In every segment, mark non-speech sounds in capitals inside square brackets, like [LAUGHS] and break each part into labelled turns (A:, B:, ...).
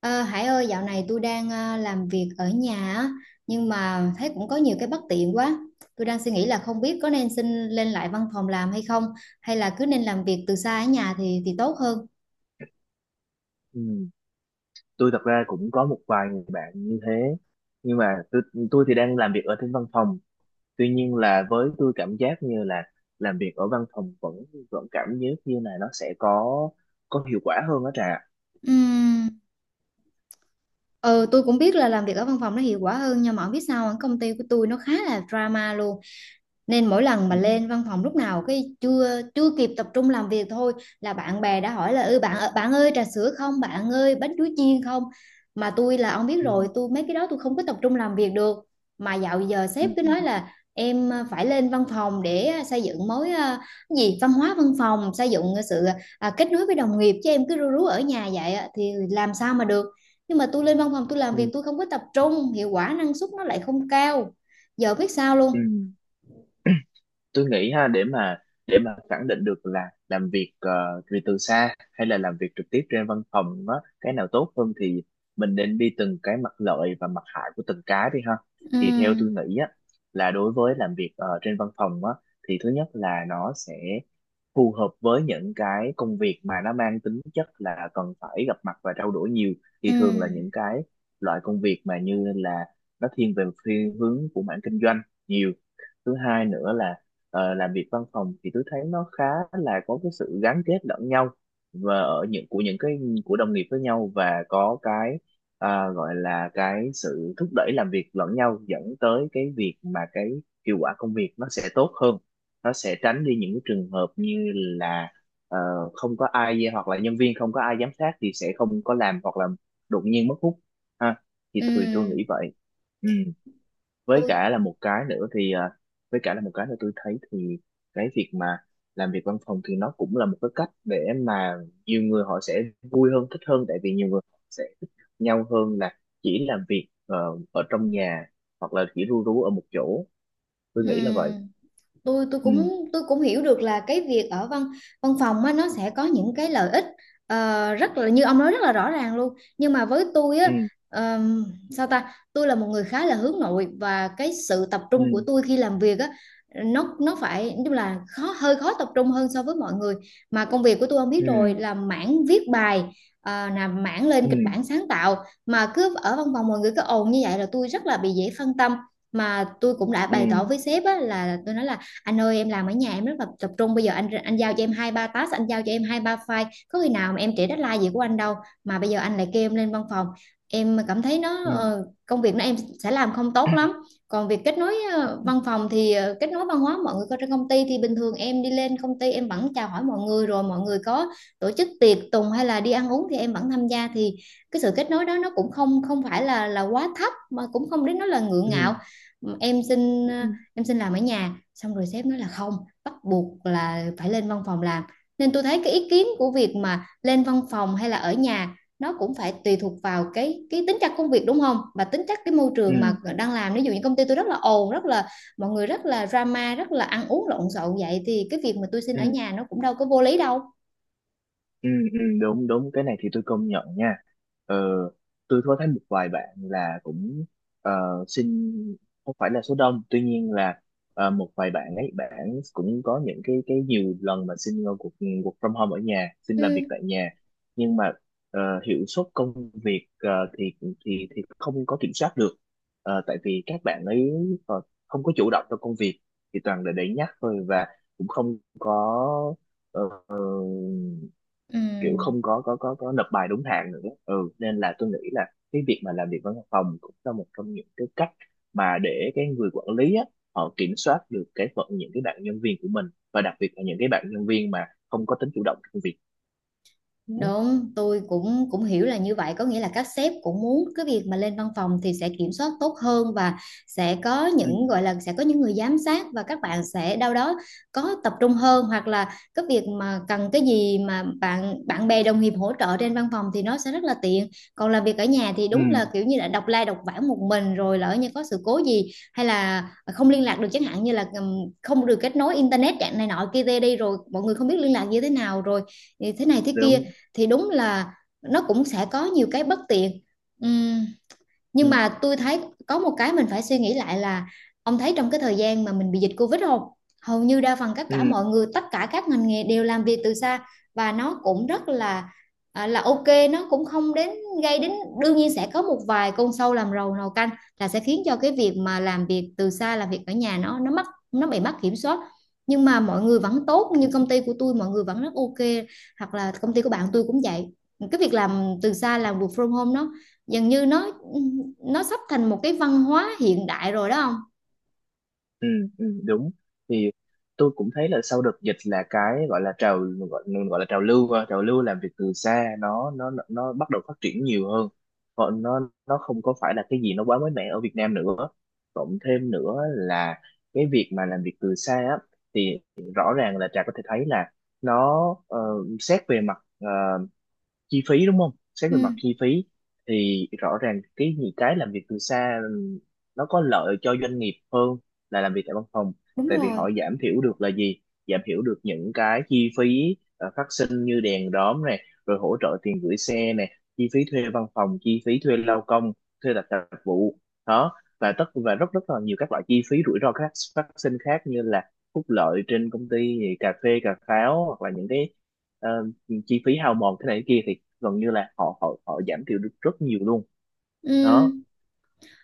A: Ờ, Hải ơi, dạo này tôi đang làm việc ở nhà á, nhưng mà thấy cũng có nhiều cái bất tiện quá. Tôi đang suy nghĩ là không biết có nên xin lên lại văn phòng làm hay không, hay là cứ nên làm việc từ xa ở nhà thì tốt hơn.
B: Ừ. Tôi thật ra cũng có một vài người bạn như thế, nhưng mà tôi thì đang làm việc ở trên văn phòng. Tuy nhiên là với tôi, cảm giác như là làm việc ở văn phòng vẫn vẫn cảm giác như là nó sẽ có hiệu quả hơn đó Trà.
A: Ừm, Ờ, tôi cũng biết là làm việc ở văn phòng nó hiệu quả hơn, nhưng mà không biết sao công ty của tôi nó khá là drama luôn. Nên mỗi lần mà
B: Ừ.
A: lên văn phòng, lúc nào cái chưa chưa kịp tập trung làm việc thôi là bạn bè đã hỏi là bạn ơi trà sữa không, bạn ơi bánh chuối chiên không. Mà tôi, là ông biết rồi,
B: Ừ.
A: tôi mấy cái đó tôi không có tập trung làm việc được. Mà dạo giờ
B: Ừ.
A: sếp cứ nói là em phải lên văn phòng để xây dựng mối, cái gì, văn hóa văn phòng, xây dựng sự kết nối với đồng nghiệp, chứ em cứ rú rú ở nhà vậy á, thì làm sao mà được. Nhưng mà tôi lên văn phòng tôi làm việc
B: Ừ.
A: tôi không có tập trung, hiệu quả năng suất nó lại không cao, giờ biết sao
B: Ừ.
A: luôn.
B: Tôi nghĩ ha, để mà khẳng định được là làm việc vì từ xa hay là làm việc trực tiếp trên văn phòng đó, cái nào tốt hơn thì mình nên đi từng cái mặt lợi và mặt hại của từng cái đi ha.
A: Ừ,
B: Thì theo tôi nghĩ á, là đối với làm việc trên văn phòng á, thì thứ nhất là nó sẽ phù hợp với những cái công việc mà nó mang tính chất là cần phải gặp mặt và trao đổi nhiều.
A: ừ,
B: Thì thường là những cái loại công việc mà như là nó thiên về thiên hướng của mảng kinh doanh nhiều. Thứ hai nữa là, làm việc văn phòng thì tôi thấy nó khá là có cái sự gắn kết lẫn nhau, và ở những của những cái của đồng nghiệp với nhau, và có cái, gọi là cái sự thúc đẩy làm việc lẫn nhau dẫn tới cái việc mà cái hiệu quả công việc nó sẽ tốt hơn. Nó sẽ tránh đi những cái trường hợp như là ờ, không có ai, hoặc là nhân viên không có ai giám sát thì sẽ không có làm, hoặc là đột nhiên mất hút ha. Thì
A: ừ.
B: tôi nghĩ vậy. Ừ với
A: tôi
B: cả là một cái nữa thì à, Với cả là một cái nữa tôi thấy thì cái việc mà làm việc văn phòng thì nó cũng là một cái cách để mà nhiều người họ sẽ vui hơn, thích hơn, tại vì nhiều người họ sẽ thích nhau hơn là chỉ làm việc ở trong nhà, hoặc là chỉ ru rú ở một chỗ.
A: ừ
B: Tôi nghĩ là vậy.
A: tôi tôi
B: Ừ.
A: cũng tôi cũng hiểu được là cái việc ở văn văn phòng á, nó sẽ có những cái lợi ích rất là, như ông nói rất là rõ ràng luôn, nhưng mà với tôi á,
B: Ừ.
A: ờm, sao ta, tôi là một người khá là hướng nội, và cái sự tập trung của
B: Ừ.
A: tôi khi làm việc á, nó phải, tức là hơi khó tập trung hơn so với mọi người. Mà công việc của tôi, ông biết rồi,
B: Ừ.
A: là mảng viết bài, là mảng lên kịch
B: Ừ.
A: bản sáng tạo. Mà cứ ở văn phòng mọi người cứ ồn như vậy là tôi rất là bị dễ phân tâm. Mà tôi cũng đã bày tỏ
B: Ừ.
A: với sếp á, là tôi nói là anh ơi, em làm ở nhà em rất là tập trung, bây giờ anh giao cho em hai ba task, anh giao cho em hai ba file, có khi nào mà em trễ deadline gì của anh đâu. Mà bây giờ anh lại kêu em lên văn phòng, em cảm thấy nó,
B: Ừ.
A: công việc nó em sẽ làm không tốt lắm. Còn việc kết nối, văn phòng thì, kết nối văn hóa mọi người có trên công ty, thì bình thường em đi lên công ty em vẫn chào hỏi mọi người, rồi mọi người có tổ chức tiệc tùng hay là đi ăn uống thì em vẫn tham gia, thì cái sự kết nối đó nó cũng không không phải là quá thấp, mà cũng không đến nó là ngượng ngạo.
B: Ừ.
A: em xin ờ,
B: Ừ.
A: em xin làm ở nhà, xong rồi sếp nói là không, bắt buộc là phải lên văn phòng làm. Nên tôi thấy cái ý kiến của việc mà lên văn phòng hay là ở nhà nó cũng phải tùy thuộc vào cái tính chất công việc, đúng không, và tính chất cái môi trường
B: Ừ.
A: mà đang làm. Ví dụ như công ty tôi rất là ồn, rất là mọi người rất là drama, rất là ăn uống lộn xộn, vậy thì cái việc mà tôi xin
B: Ừ.
A: ở nhà nó cũng đâu có vô lý đâu.
B: Ừ, ừ, đúng đúng, cái này thì tôi công nhận nha. ờ, tôi có thấy một vài bạn là cũng ờ, xin, không phải là số đông, tuy nhiên là một vài bạn ấy, bạn cũng có những cái nhiều lần mà xin cuộc cuộc from home ở nhà, xin làm
A: Ừ,
B: việc tại nhà. Nhưng mà ờ, hiệu suất công việc thì thì không có kiểm soát được. Tại vì các bạn ấy ờ, không có chủ động trong công việc, thì toàn là để nhắc thôi, và cũng không có ờ, kiểu
A: ừ.
B: không có nộp bài đúng hạn nữa. Ừ. Nên là tôi nghĩ là cái việc mà làm việc văn phòng cũng là một trong những cái cách mà để cái người quản lý á, họ kiểm soát được cái phận những cái bạn nhân viên của mình, và đặc biệt là những cái bạn nhân viên mà không có tính chủ động trong việc. Ừ.
A: Đúng, tôi cũng cũng hiểu là như vậy, có nghĩa là các sếp cũng muốn cái việc mà lên văn phòng thì sẽ kiểm soát tốt hơn, và sẽ có
B: Ừ.
A: những, gọi là, sẽ có những người giám sát, và các bạn sẽ đâu đó có tập trung hơn, hoặc là cái việc mà cần cái gì mà bạn bạn bè đồng nghiệp hỗ trợ trên văn phòng thì nó sẽ rất là tiện. Còn làm việc ở nhà thì đúng
B: Ừ.
A: là kiểu như là độc lai độc vãng một mình, rồi lỡ như có sự cố gì hay là không liên lạc được, chẳng hạn như là không được kết nối internet dạng này nọ kia, tê đi rồi mọi người không biết liên lạc như thế nào, rồi thì thế này thế kia,
B: Đúng.
A: thì đúng là nó cũng sẽ có nhiều cái bất tiện. Ừm,
B: Ừ.
A: nhưng mà tôi thấy có một cái mình phải suy nghĩ lại là, ông thấy trong cái thời gian mà mình bị dịch Covid không, hầu như đa phần tất cả
B: Ừ.
A: mọi người, tất cả các ngành nghề đều làm việc từ xa, và nó cũng rất là, là ok, nó cũng không đến, gây đến. Đương nhiên sẽ có một vài con sâu làm rầu nồi canh, là sẽ khiến cho cái việc mà làm việc từ xa, làm việc ở nhà, nó bị mất kiểm soát. Nhưng mà mọi người vẫn tốt, như công ty của tôi mọi người vẫn rất ok, hoặc là công ty của bạn tôi cũng vậy. Cái việc làm từ xa, làm work from home, nó dường như nó sắp thành một cái văn hóa hiện đại rồi đó không.
B: Ừ, ừ, đúng. Thì tôi cũng thấy là sau đợt dịch là cái gọi, gọi là trào lưu, trào lưu làm việc từ xa nó bắt đầu phát triển nhiều hơn. Còn nó không có phải là cái gì nó quá mới mẻ ở Việt Nam nữa. Cộng thêm nữa là cái việc mà làm việc từ xa á, thì rõ ràng là Trà có thể thấy là nó, xét về mặt chi phí, đúng không, xét
A: Ừ,
B: về mặt chi phí thì rõ ràng cái những cái làm việc từ xa nó có lợi cho doanh nghiệp hơn là làm việc tại văn phòng.
A: đúng
B: Tại vì họ
A: rồi.
B: giảm thiểu được là gì? Giảm thiểu được những cái chi phí phát sinh như đèn đóm này, rồi hỗ trợ tiền gửi xe này, chi phí thuê văn phòng, chi phí thuê lao công, thuê đặt tạp vụ đó. Và tất và rất rất là nhiều các loại chi phí rủi ro khác, phát sinh khác, như là phúc lợi trên công ty thì cà phê cà pháo, hoặc là những cái ờ, chi phí hao mòn thế này thế kia thì gần như là họ họ họ giảm thiểu được rất nhiều luôn. Đó.
A: Ừ.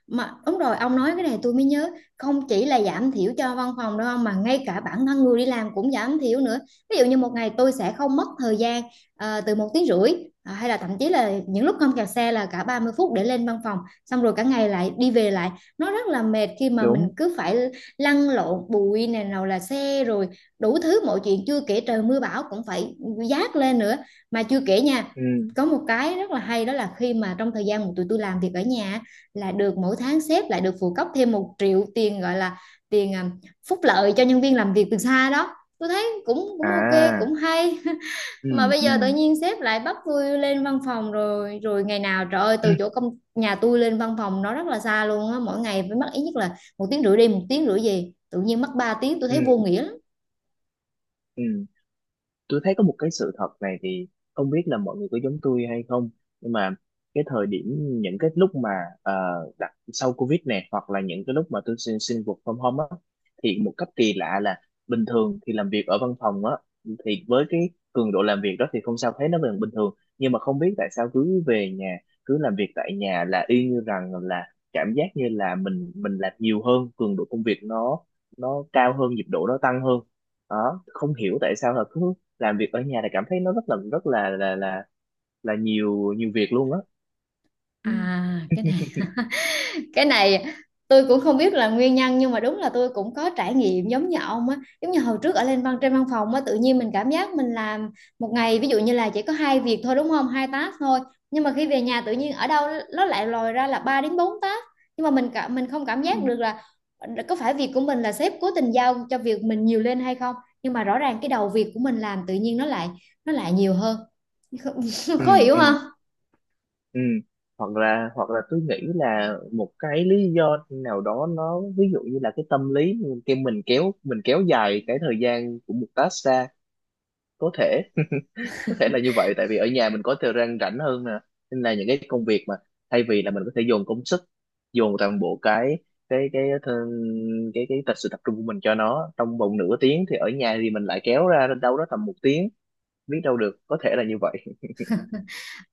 A: Mà đúng rồi, ông nói cái này tôi mới nhớ, không chỉ là giảm thiểu cho văn phòng đâu ông, mà ngay cả bản thân người đi làm cũng giảm thiểu nữa. Ví dụ như một ngày tôi sẽ không mất thời gian từ 1 tiếng rưỡi, hay là thậm chí là những lúc không kẹt xe là cả 30 phút để lên văn phòng, xong rồi cả ngày lại đi về lại, nó rất là mệt khi mà mình
B: Đúng.
A: cứ phải lăn lộn, bụi này, nào là xe, rồi đủ thứ mọi chuyện, chưa kể trời mưa bão cũng phải dát lên nữa. Mà chưa kể nha,
B: Ừ.
A: có một cái rất là hay, đó là khi mà trong thời gian mà tụi tôi làm việc ở nhà á, là được mỗi tháng sếp lại được phụ cấp thêm 1 triệu tiền, gọi là tiền, phúc lợi cho nhân viên làm việc từ xa đó. Tôi thấy cũng cũng ok, cũng
B: À.
A: hay. [LAUGHS] Mà
B: Ừ.
A: bây
B: Ừ.
A: giờ tự nhiên sếp lại bắt tôi lên văn phòng, rồi rồi ngày nào trời ơi, từ
B: [CLEARS THROAT]
A: chỗ công nhà tôi lên văn phòng nó rất là xa luôn á, mỗi ngày phải mất ít nhất là 1 tiếng rưỡi đi, 1 tiếng rưỡi về, tự nhiên mất 3 tiếng, tôi thấy vô
B: Ừ.
A: nghĩa lắm.
B: Ừ. Tôi thấy có một cái sự thật này thì không biết là mọi người có giống tôi hay không, nhưng mà cái thời điểm, những cái lúc mà ờ, đặt sau Covid này, hoặc là những cái lúc mà tôi xin xin work from home á, thì một cách kỳ lạ là bình thường thì làm việc ở văn phòng á, thì với cái cường độ làm việc đó thì không sao, thấy nó vẫn bình thường. Nhưng mà không biết tại sao cứ về nhà, cứ làm việc tại nhà là y như rằng là cảm giác như là mình làm nhiều hơn, cường độ công việc nó cao hơn, nhịp độ nó tăng hơn. Đó, không hiểu tại sao là cứ làm việc ở nhà thì cảm thấy nó rất là là nhiều nhiều việc luôn á. Ừ.
A: À, cái này tôi cũng không biết là nguyên nhân, nhưng mà đúng là tôi cũng có trải nghiệm giống như ông á. Giống như hồi trước ở lên văn trên văn phòng á, tự nhiên mình cảm giác mình làm một ngày, ví dụ như là chỉ có hai việc thôi, đúng không, hai task thôi, nhưng mà khi về nhà tự nhiên ở đâu nó lại lòi ra là 3 đến 4 task. Nhưng mà mình không cảm
B: Ừ.
A: giác được là có phải việc của mình là sếp cố tình giao cho việc mình nhiều lên hay không, nhưng mà rõ ràng cái đầu việc của mình làm tự nhiên nó lại nhiều hơn. [LAUGHS]
B: Ừ.
A: Khó hiểu
B: Ừ.
A: không?
B: Ừ. Hoặc là tôi nghĩ là một cái lý do nào đó, nó ví dụ như là cái tâm lý, cái mình kéo dài cái thời gian của một task ra. Có thể, có thể là như vậy, tại vì ở nhà mình có thời gian rảnh hơn nè, nên là những cái công việc mà thay vì là mình có thể dồn công sức, dồn toàn bộ cái th- cái, tập sự tập trung của mình cho nó trong vòng nửa tiếng, thì ở nhà thì mình lại kéo ra đâu đó tầm một tiếng. Biết đâu được, có thể là như vậy.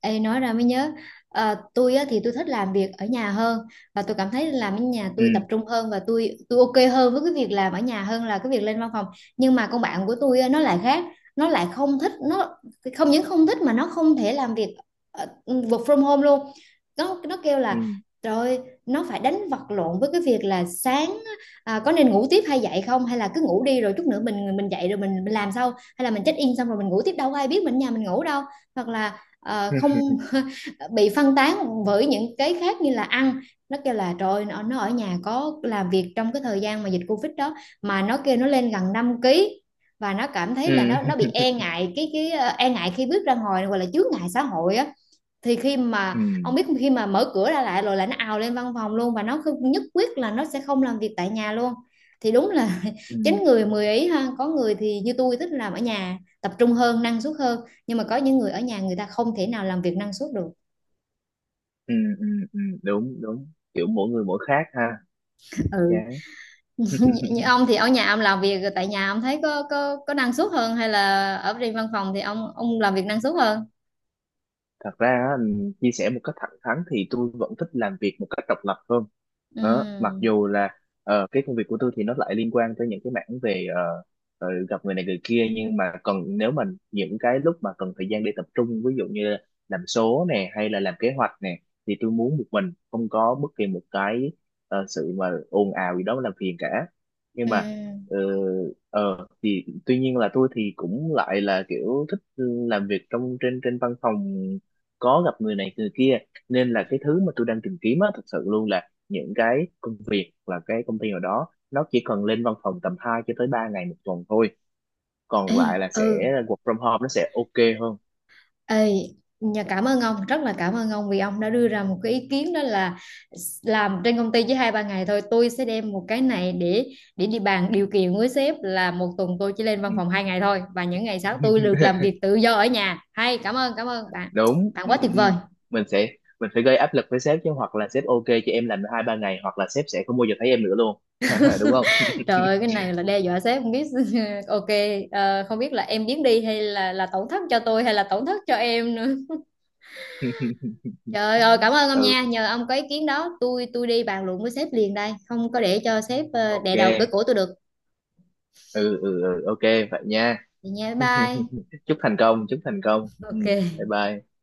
A: Ê, nói ra mới nhớ. Tôi á, thì tôi thích làm việc ở nhà hơn, và tôi cảm thấy làm ở nhà
B: Ừ.
A: tôi tập trung hơn, và tôi ok hơn với cái việc làm ở nhà hơn là cái việc lên văn phòng. Nhưng mà con bạn của tôi á, nó lại khác, nó lại không thích, nó không những không thích mà nó không thể làm việc work from home luôn. Nó kêu
B: Ừ.
A: là, rồi nó phải đánh vật lộn với cái việc là sáng, có nên ngủ tiếp hay dậy không, hay là cứ ngủ đi rồi chút nữa mình dậy rồi mình làm sau, hay là mình check in xong rồi mình ngủ tiếp đâu có ai biết mình ở nhà mình ngủ đâu, hoặc là
B: [LAUGHS]
A: không. [LAUGHS] Bị phân tán bởi những cái khác như là ăn. Nó kêu là trời, nó ở nhà có làm việc trong cái thời gian mà dịch Covid đó, mà nó kêu nó lên gần 5 ký, và nó cảm thấy là
B: Ừ.
A: nó bị e
B: [LAUGHS]
A: ngại cái e ngại khi bước ra ngoài, gọi là chướng ngại xã hội á. Thì khi
B: Ừ.
A: mà ông biết, khi mà mở cửa ra lại rồi là nó ào lên văn phòng luôn, và nó không, nhất quyết là nó sẽ không làm việc tại nhà luôn. Thì đúng là
B: Ừ.
A: [LAUGHS] chín người mười ý ha, có người thì như tôi thích làm ở nhà tập trung hơn, năng suất hơn, nhưng mà có những người ở nhà người ta không thể nào làm việc năng suất được.
B: Ừ. Ừ. Ừ, đúng đúng, kiểu mỗi người mỗi khác ha.
A: Ừ.
B: Chán. [LAUGHS]
A: [LAUGHS] Như ông thì ở nhà, ông làm việc tại nhà ông thấy có năng suất hơn, hay là ở trên văn phòng thì ông làm việc năng suất hơn?
B: Thật ra á, chia sẻ một cách thẳng thắn thì tôi vẫn thích làm việc một cách độc lập hơn đó. Mặc
A: Ừ,
B: dù là cái công việc của tôi thì nó lại liên quan tới những cái mảng về gặp người này người kia, nhưng mà cần, nếu mà những cái lúc mà cần thời gian để tập trung, ví dụ như làm số nè hay là làm kế hoạch nè, thì tôi muốn một mình, không có bất kỳ một cái sự mà ồn ào gì đó làm phiền cả. Nhưng
A: ừ.
B: mà ờ, thì tuy nhiên là tôi thì cũng lại là kiểu thích làm việc trong trên trên văn phòng, có gặp người này người kia. Nên là cái thứ mà tôi đang tìm kiếm á, thật sự luôn là những cái công việc là cái công ty nào đó nó chỉ cần lên văn phòng tầm 2 cho tới 3 ngày một tuần thôi, còn
A: Ê,
B: lại là sẽ
A: ừ.
B: work from home nó sẽ ok hơn.
A: Ê, nhà cảm ơn ông, rất là cảm ơn ông, vì ông đã đưa ra một cái ý kiến, đó là làm trên công ty chỉ hai ba ngày thôi. Tôi sẽ đem một cái này để đi bàn điều kiện với sếp là một tuần tôi chỉ lên văn
B: Ừ.
A: phòng hai ngày thôi, và những ngày sau tôi được
B: [LAUGHS]
A: làm việc tự do ở nhà, hay, cảm ơn, cảm ơn bạn.
B: Đúng.
A: Bạn
B: Ừ,
A: quá tuyệt
B: ừ.
A: vời.
B: mình sẽ mình phải gây áp lực với sếp chứ, hoặc là sếp ok cho em làm 2 3 ngày, hoặc là sếp sẽ không bao giờ thấy em nữa luôn. [LAUGHS] Đúng không?
A: Trời ơi, cái này là đe dọa sếp không biết. [LAUGHS] Ok. Không biết là em biến đi, hay là tổn thất cho tôi, hay là tổn thất cho em nữa.
B: [LAUGHS]
A: Trời ơi, cảm ơn ông
B: Ừ.
A: nha. Nhờ ông có ý kiến đó, tôi đi bàn luận với sếp liền đây, không có để cho sếp đè
B: Ok.
A: đầu cửa cổ tôi được.
B: Ừ. Ừ. Ừ. Ok, vậy nha.
A: Vậy nha, bye
B: [LAUGHS]
A: bye.
B: Chúc thành công, chúc thành công. Ừ.
A: Ok.
B: Bye bye.